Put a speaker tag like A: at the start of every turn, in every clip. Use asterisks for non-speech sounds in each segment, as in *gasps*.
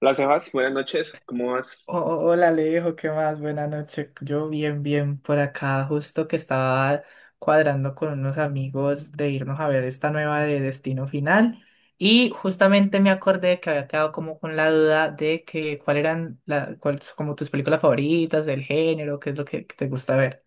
A: Hola Sebas, buenas noches, ¿cómo vas?
B: O- Hola Alejo, ¿qué más? Buenas noches. Yo bien, bien por acá, justo que estaba cuadrando con unos amigos de irnos a ver esta nueva de Destino Final y justamente me acordé que había quedado como con la duda de que cuál eran la, cuáles como tus películas favoritas, del género, qué es lo que te gusta ver.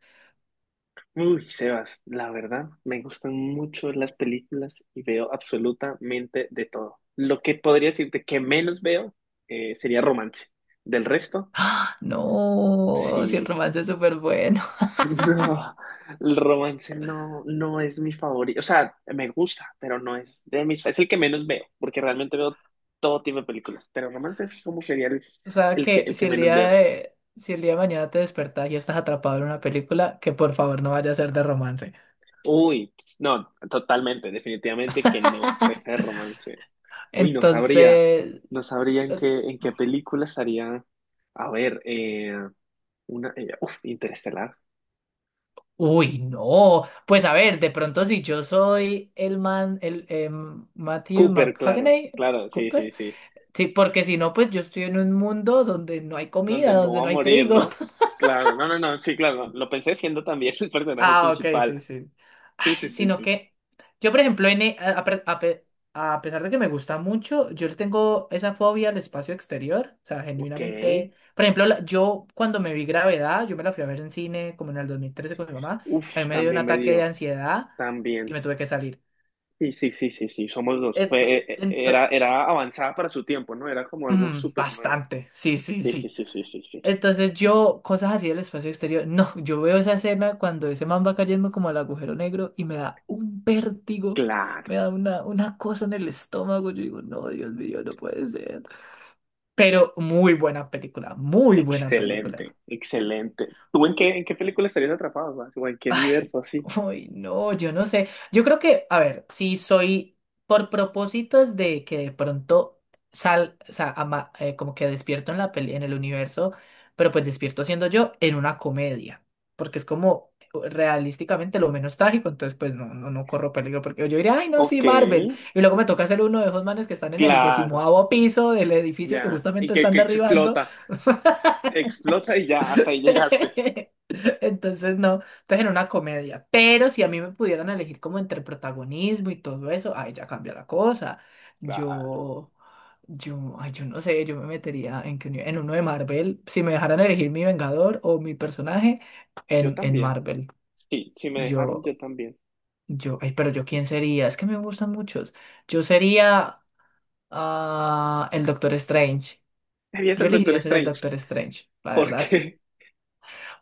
A: Uy, Sebas, la verdad, me gustan mucho las películas y veo absolutamente de todo. Lo que podría decirte que menos veo sería romance. Del resto,
B: No, si el
A: sí. *laughs*
B: romance es súper bueno. *laughs*
A: No, el romance no es mi favorito. O sea, me gusta, pero no es de mis... Es el que menos veo, porque realmente veo todo tipo de películas, pero romance es como sería
B: O sea que
A: el que menos veo.
B: si el día de mañana te despertas y estás atrapado en una película, que por favor no vaya a ser de romance.
A: Uy, no, totalmente, definitivamente que no, ese romance. Uy,
B: Entonces,
A: no sabría
B: es-
A: en qué película estaría. A ver, una, Interestelar.
B: uy, no. Pues a ver, de pronto si yo soy el man, Matthew
A: Cooper, claro,
B: McConaughey,
A: claro, sí,
B: Cooper.
A: sí, sí.
B: Sí, porque si no, pues yo estoy en un mundo donde no hay
A: Donde
B: comida,
A: me
B: donde
A: voy
B: no
A: a
B: hay
A: morir,
B: trigo.
A: ¿no? Claro, no, no, no, sí, claro, lo pensé siendo también el personaje
B: Ah, ok, sí,
A: principal.
B: sí.
A: Sí, sí,
B: Ay,
A: sí,
B: sino
A: sí.
B: que yo, por ejemplo, en, e- a pe- a pe- a pesar de que me gusta mucho, yo le tengo esa fobia al espacio exterior. O sea,
A: Ok.
B: genuinamente. Por ejemplo, yo cuando me vi Gravedad, yo me la fui a ver en cine como en el 2013 con mi mamá. A mí
A: Uf,
B: me dio un
A: también me
B: ataque de
A: dio,
B: ansiedad y
A: también.
B: me tuve que salir.
A: Sí, sí, sí, sí, sí, somos dos.
B: Ento-
A: Fue,
B: ento-
A: era avanzada para su tiempo, ¿no? Era como algo súper nuevo.
B: Bastante. Sí, sí,
A: Sí, sí,
B: sí.
A: sí, sí, sí, sí.
B: Entonces yo, cosas así del espacio exterior, no, yo veo esa escena cuando ese man va cayendo como al agujero negro y me da un vértigo,
A: Claro.
B: me da una cosa en el estómago, yo digo, no, Dios mío, no puede ser. Pero muy buena película, muy buena película.
A: Excelente, excelente. ¿Tú en qué película estarías atrapado, Max? ¿O en qué
B: Ay,
A: universo así?
B: uy, no, yo no sé. Yo creo que, a ver, si soy por propósitos de que de pronto o sea, como que despierto en la peli, en el universo, pero pues despierto siendo yo en una comedia, porque es como realísticamente lo menos trágico, entonces pues no, no, no corro peligro, porque yo diría, ay, no, sí,
A: Ok,
B: Marvel, y luego me toca ser uno de esos manes que están en el
A: claro,
B: decimoavo piso del edificio que
A: ya. Y
B: justamente están
A: que
B: derribando.
A: explota, explota y ya, hasta ahí llegaste.
B: *laughs* Entonces no, entonces en una comedia. Pero si a mí me pudieran elegir como entre protagonismo y todo eso, ahí ya cambia la cosa.
A: Claro,
B: Yo, ay, yo no sé, yo me metería en uno de Marvel. Si me dejaran elegir mi Vengador o mi personaje
A: yo
B: en
A: también.
B: Marvel,
A: Sí, si me dejaron, yo
B: yo,
A: también.
B: ay, pero yo quién sería, es que me gustan muchos. Yo sería el Doctor Strange.
A: Debía
B: Yo
A: el Doctor
B: elegiría ser el
A: Strange.
B: Doctor Strange, la
A: ¿Por
B: verdad sí.
A: qué? *laughs*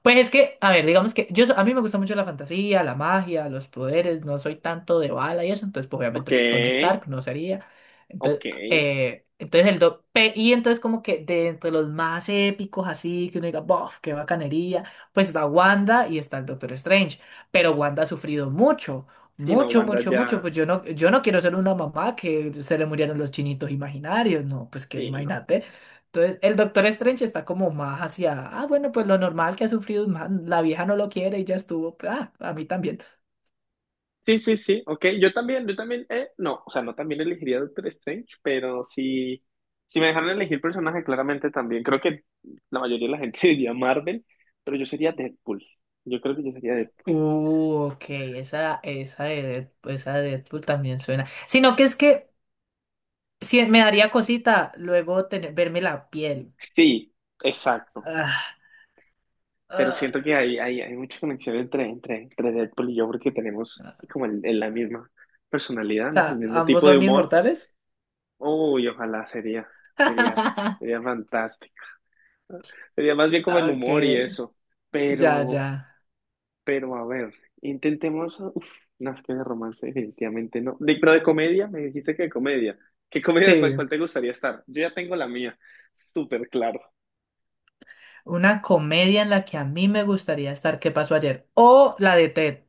B: Pues es que, a ver, digamos que a mí me gusta mucho la fantasía, la magia, los poderes, no soy tanto de bala y eso, entonces pues,
A: Ok,
B: obviamente pues Tony Stark no sería. Entonces,
A: ok.
B: y entonces como que de entre los más épicos así, que uno diga, "Bof, qué bacanería", pues está Wanda y está el Doctor Strange, pero Wanda ha sufrido mucho,
A: Si no,
B: mucho,
A: Wanda
B: mucho,
A: ya.
B: mucho, pues yo no quiero ser una mamá que se le murieron los chinitos imaginarios, no, pues que
A: Sí, no.
B: imagínate. Entonces, el Doctor Strange está como más hacia, ah, bueno, pues lo normal que ha sufrido un man, la vieja no lo quiere y ya estuvo, pues, ah, a mí también.
A: Sí, sí, sí, ok. Yo también, no, o sea, no también elegiría Doctor Strange, pero si, si me dejaran elegir personaje, claramente también. Creo que la mayoría de la gente *laughs* diría Marvel, pero yo sería Deadpool. Yo creo que yo sería Deadpool.
B: Ok, esa, esa de Deadpool también suena. Sino que es que si me daría cosita luego tener, verme la piel.
A: Sí, exacto.
B: Ah,
A: Pero
B: ah,
A: siento que hay mucha conexión entre Deadpool y yo porque tenemos
B: ah.
A: como la misma personalidad,
B: O
A: ¿no? El
B: sea,
A: mismo
B: ambos
A: tipo de
B: son
A: humor.
B: inmortales.
A: Uy, sería,
B: *laughs*
A: sería fantástico. ¿No? Sería más bien como el
B: Ok,
A: humor y eso.
B: ya,
A: Pero,
B: ya.
A: Pero a ver, intentemos. Uf, no, es que de romance definitivamente no. De, pero de comedia, me dijiste que de comedia. ¿Qué comedia,
B: Sí,
A: cuál te gustaría estar? Yo ya tengo la mía, súper claro.
B: una comedia en la que a mí me gustaría estar, ¿qué pasó ayer? O la de Ted,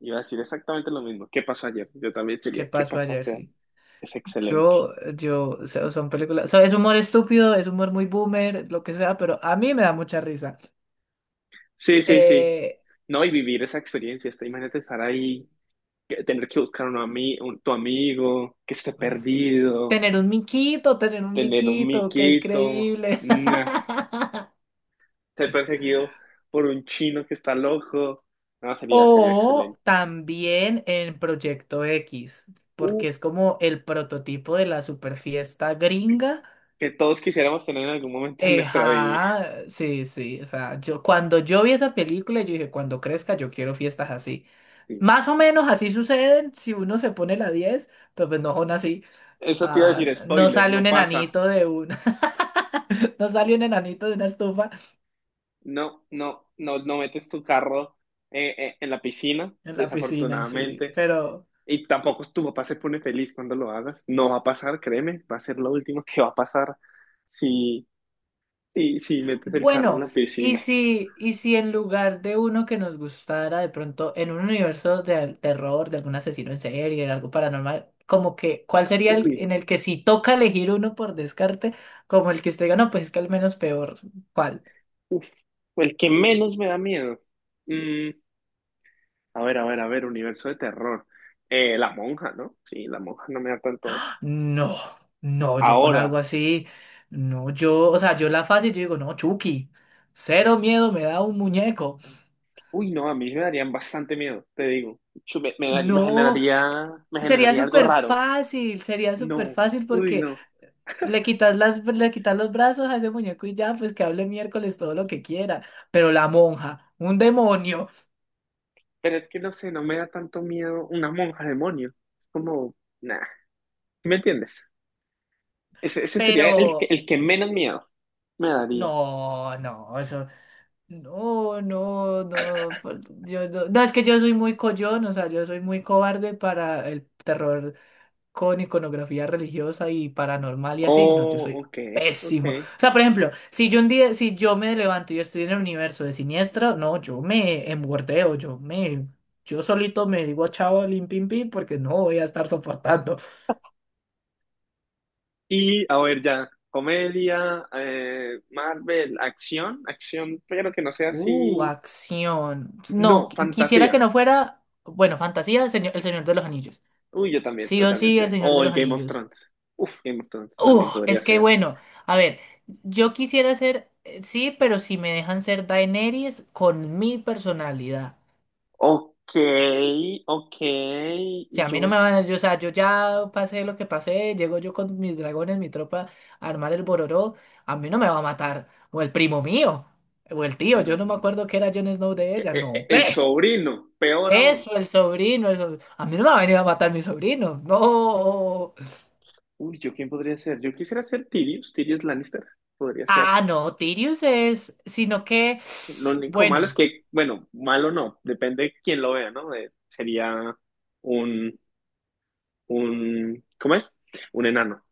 A: Iba a decir exactamente lo mismo. ¿Qué pasó ayer? Yo también
B: ¿qué
A: diría, ¿qué
B: pasó
A: pasó
B: ayer?
A: ayer?
B: Sí.
A: Es excelente.
B: Yo, o sea, son películas, o sea, es humor estúpido, es humor muy boomer, lo que sea, pero a mí me da mucha risa.
A: Sí, sí, sí.
B: Eh,
A: No, y vivir esa experiencia, esta, imagínate estar ahí, tener que buscar tu amigo que esté perdido,
B: tener un
A: tener un
B: miquito, qué
A: miquito.
B: increíble.
A: No.
B: *laughs*
A: Ser perseguido por un chino que está loco. No, sería, sería
B: O
A: excelente.
B: también en Proyecto X,
A: Uf,
B: porque es como el prototipo de la super fiesta gringa.
A: que todos quisiéramos tener en algún momento en nuestra vida.
B: Ajá, sí, sí, o sea, yo cuando yo vi esa película, yo dije, cuando crezca yo quiero fiestas así.
A: Sí.
B: Más o menos así suceden si uno se pone la 10, pero pues no son así.
A: Eso te iba a
B: Ah,
A: decir,
B: no
A: spoiler,
B: sale
A: no
B: un
A: pasa.
B: enanito de un... *laughs* no sale un enanito de una estufa
A: No, no, no, no metes tu carro en la piscina,
B: en la piscina, sí,
A: desafortunadamente.
B: pero.
A: Y tampoco tu papá se pone feliz cuando lo hagas. No va a pasar, créeme, va a ser lo último que va a pasar si, si, si metes el carro en
B: Bueno,
A: la
B: y
A: piscina.
B: si, y si en lugar de uno que nos gustara, de pronto en un universo de terror, de algún asesino en serie, de algo paranormal, como que, ¿cuál sería el
A: Uy,
B: en el que si toca elegir uno por descarte, como el que usted diga, no, pues es que al menos peor, ¿cuál?
A: uf, el que menos me da miedo. Mm, a ver, a ver, a ver, universo de terror. La monja, ¿no? Sí, la monja no me da tanto.
B: No, no, yo con algo
A: Ahora,
B: así, no, yo, o sea, yo la fácil, yo digo, no, Chucky, cero miedo, me da un muñeco.
A: uy, no, a mí me darían bastante miedo, te digo. Yo me,
B: No,
A: me generaría algo raro.
B: sería súper
A: No,
B: fácil
A: uy,
B: porque
A: no.
B: le quitas las, le quitas los brazos a ese muñeco y ya, pues que hable miércoles todo lo que quiera. Pero la monja, un demonio.
A: Pero es que no sé, no me da tanto miedo una monja demonio. Es como, nah, ¿sí? ¿Me entiendes? Ese sería
B: Pero
A: el que menos miedo me daría.
B: no, no, eso. No, no, no, yo no. No, es que yo soy muy coyón, o sea, yo soy muy cobarde para el terror con iconografía religiosa y paranormal y así, no, yo
A: Oh,
B: soy
A: ok, ok.
B: pésimo. O sea, por ejemplo, si yo un día, si yo me levanto y yo estoy en el universo de Siniestro, no, yo me engordeo, yo solito me digo chao, lim pim pim, porque no voy a estar soportando.
A: Y a ver ya, comedia, Marvel, acción, acción, pero que no sea así.
B: Acción.
A: No,
B: No, quisiera
A: fantasía.
B: que no fuera, bueno, fantasía, el Señor de los Anillos.
A: Uy, yo también,
B: Sí o sí, el
A: totalmente.
B: Señor
A: O
B: de
A: el
B: los
A: Game of
B: Anillos.
A: Thrones. Uf, Game of Thrones
B: Uf,
A: también podría
B: es que
A: ser.
B: bueno, a ver, yo quisiera ser, sí, pero si me dejan ser Daenerys con mi personalidad.
A: Ok, ok,
B: O
A: y
B: sea, a mí no
A: yo...
B: me van a, yo, o sea, yo ya pasé lo que pasé, llego yo con mis dragones, mi tropa, a armar el bororó, a mí no me va a matar, o el primo mío, o el tío,
A: No.
B: yo no me acuerdo que era Jon Snow de ella, no,
A: El
B: ve,
A: sobrino, peor aún.
B: eso, el sobrino, a mí no me va a venir a matar mi sobrino, no.
A: Uy, ¿yo quién podría ser? Yo quisiera ser Tyrion, Tyrion Lannister, podría ser.
B: Ah, no, Tyrius es, sino que,
A: Lo único malo es
B: bueno.
A: que, bueno, malo no, depende de quién lo vea, ¿no? Sería un, un, ¿cómo es? Un enano,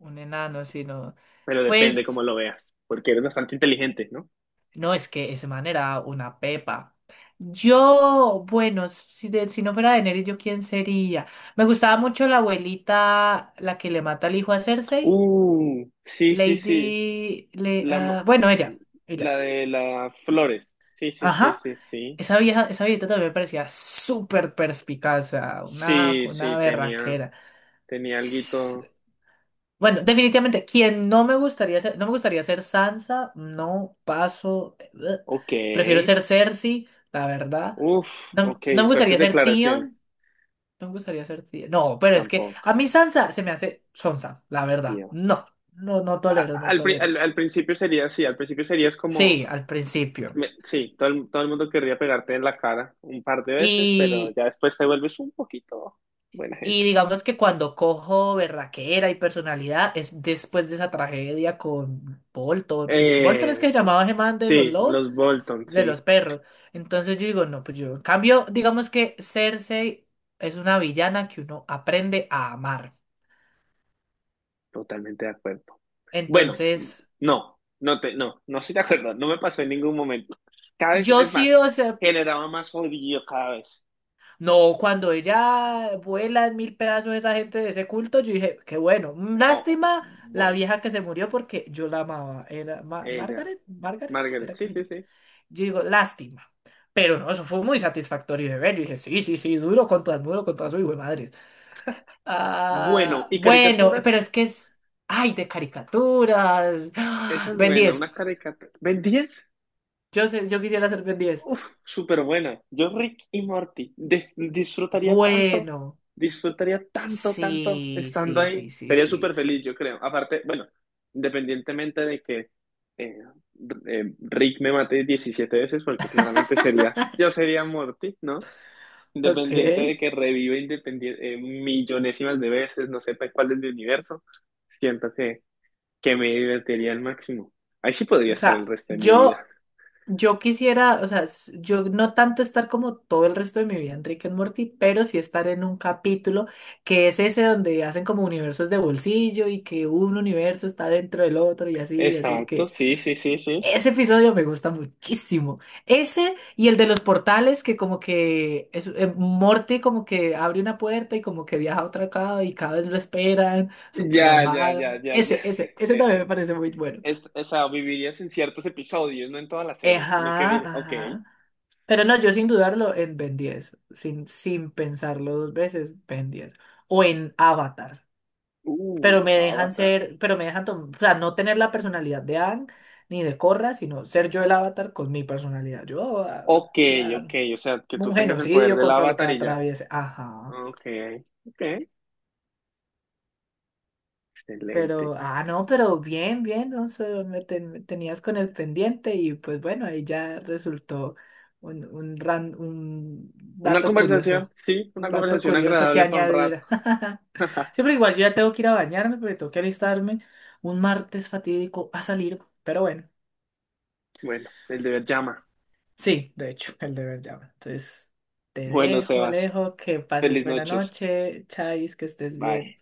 B: Un enano, sí, no.
A: pero depende cómo lo
B: Pues
A: veas, porque eres bastante inteligente, ¿no?
B: no, es que ese man era una pepa. Yo, bueno, si, si no fuera Daenerys, ¿yo quién sería? Me gustaba mucho la abuelita, la que le mata al hijo a Cersei.
A: Sí, sí, sí, la,
B: Ah, bueno, ella. Ella.
A: la de las flores, sí, sí, sí,
B: Ajá.
A: sí, sí,
B: Esa vieja, esa viejita también me parecía súper perspicaz, o sea,
A: sí,
B: una
A: sí, tenía,
B: berraquera.
A: tenía alguito,
B: Bueno, definitivamente, quien no me gustaría ser, no me gustaría ser Sansa, no paso. Eh, bleh.
A: ok,
B: Prefiero ser Cersei, la verdad.
A: uf,
B: No,
A: ok,
B: no me
A: fuertes
B: gustaría ser
A: declaraciones,
B: Tion, no me gustaría ser Tion. No, pero es que a
A: tampoco,
B: mí Sansa se me hace Sansa, la verdad.
A: tío.
B: No, no, no tolero, no tolero.
A: Al principio sería así, al principio serías como
B: Sí, al principio.
A: sí, todo todo el mundo querría pegarte en la cara un par de veces, pero ya después te vuelves un poquito buena
B: Y
A: gente.
B: digamos que cuando cojo berraquera y personalidad es después de esa tragedia con Bolton, pues Bolton es que se
A: Eso.
B: llamaba Gemán de los
A: Sí,
B: lobos,
A: los Bolton,
B: de
A: sí,
B: los perros. Entonces yo digo, no, pues yo. En cambio, digamos que Cersei es una villana que uno aprende a amar.
A: totalmente de acuerdo. Bueno,
B: Entonces,
A: no estoy de acuerdo, no me pasó en ningún momento. Cada vez,
B: yo
A: es
B: sí,
A: más,
B: o sea,
A: generaba más odio cada vez.
B: no, cuando ella vuela en mil pedazos esa gente de ese culto, yo dije, qué bueno. Mm,
A: Oh,
B: lástima la
A: bueno,
B: vieja que se murió porque yo la amaba. Era
A: ella,
B: Margaret, Margaret,
A: Margaret,
B: era que
A: sí,
B: se.
A: sí, sí.
B: Yo digo, lástima. Pero no, eso fue muy satisfactorio de ver. Yo dije, sí, sí, sí, duro contra el muro, contra su hijo de madres.
A: Bueno,
B: Ah,
A: y
B: bueno,
A: caricaturas,
B: pero es que es. Ay, de caricaturas.
A: esa es
B: *gasps* Ben
A: buena,
B: 10.
A: una caricatura. ¿Ven 10?
B: Yo sé, yo quisiera ser Ben 10.
A: Uf, súper buena. Yo, Rick y Morty,
B: Bueno.
A: disfrutaría tanto, tanto
B: Sí,
A: estando
B: sí,
A: ahí.
B: sí, sí,
A: Sería súper
B: sí.
A: feliz, yo creo. Aparte, bueno, independientemente de que eh, Rick me mate 17 veces, porque claramente
B: *laughs*
A: sería, yo sería Morty, ¿no?
B: Ok.
A: Independiente de que revive independiente, millonésimas de veces, no sepa cuál es mi universo, siento que me divertiría al máximo. Ahí sí podría
B: O
A: estar el
B: sea,
A: resto de mi vida.
B: yo. Yo quisiera, o sea, yo no tanto estar como todo el resto de mi vida en Rick and Morty, pero sí estar en un capítulo que es ese donde hacen como universos de bolsillo y que un universo está dentro del otro y así
A: Exacto,
B: que
A: sí, sí, sí, sí.
B: ese episodio me gusta muchísimo. Ese y el de los portales que como que es, Morty como que abre una puerta y como que viaja a otra acá y cada vez lo esperan, súper
A: Ya, ya, ya,
B: armado.
A: ya, ya.
B: Ese, ese,
A: *laughs*
B: ese también me
A: Ese.
B: parece muy bueno.
A: Es, o sea, vivirías en ciertos episodios, no en toda la serie, sino que,
B: Ajá,
A: ok.
B: ajá. Pero no, yo sin dudarlo en Ben 10, sin, sin pensarlo dos veces, Ben 10. O en Avatar. Pero me dejan
A: Avatar.
B: ser, o sea, no tener la personalidad de Aang ni de Korra, sino ser yo el Avatar con mi personalidad. Yo,
A: Ok,
B: ah,
A: ok, o sea, que tú
B: un
A: tengas el poder
B: genocidio
A: del
B: contra lo que
A: Avatar y ya.
B: atraviese. Ajá.
A: Ok, ok, excelente.
B: Pero, no, pero bien, bien, Alonso, me, me tenías con el pendiente y pues bueno, ahí ya resultó un
A: Una
B: dato
A: conversación,
B: curioso,
A: sí, una conversación
B: que
A: agradable para un rato.
B: añadir. *laughs* Sí, pero
A: *laughs*
B: igual yo ya tengo que ir a bañarme porque tengo que alistarme un martes fatídico a salir, pero bueno,
A: Bueno, el deber llama.
B: sí, de hecho, el deber llama. Entonces, te
A: Bueno,
B: dejo,
A: Sebas,
B: Alejo, que pases
A: feliz
B: buena
A: noches.
B: noche, Chais, que estés
A: Bye.
B: bien.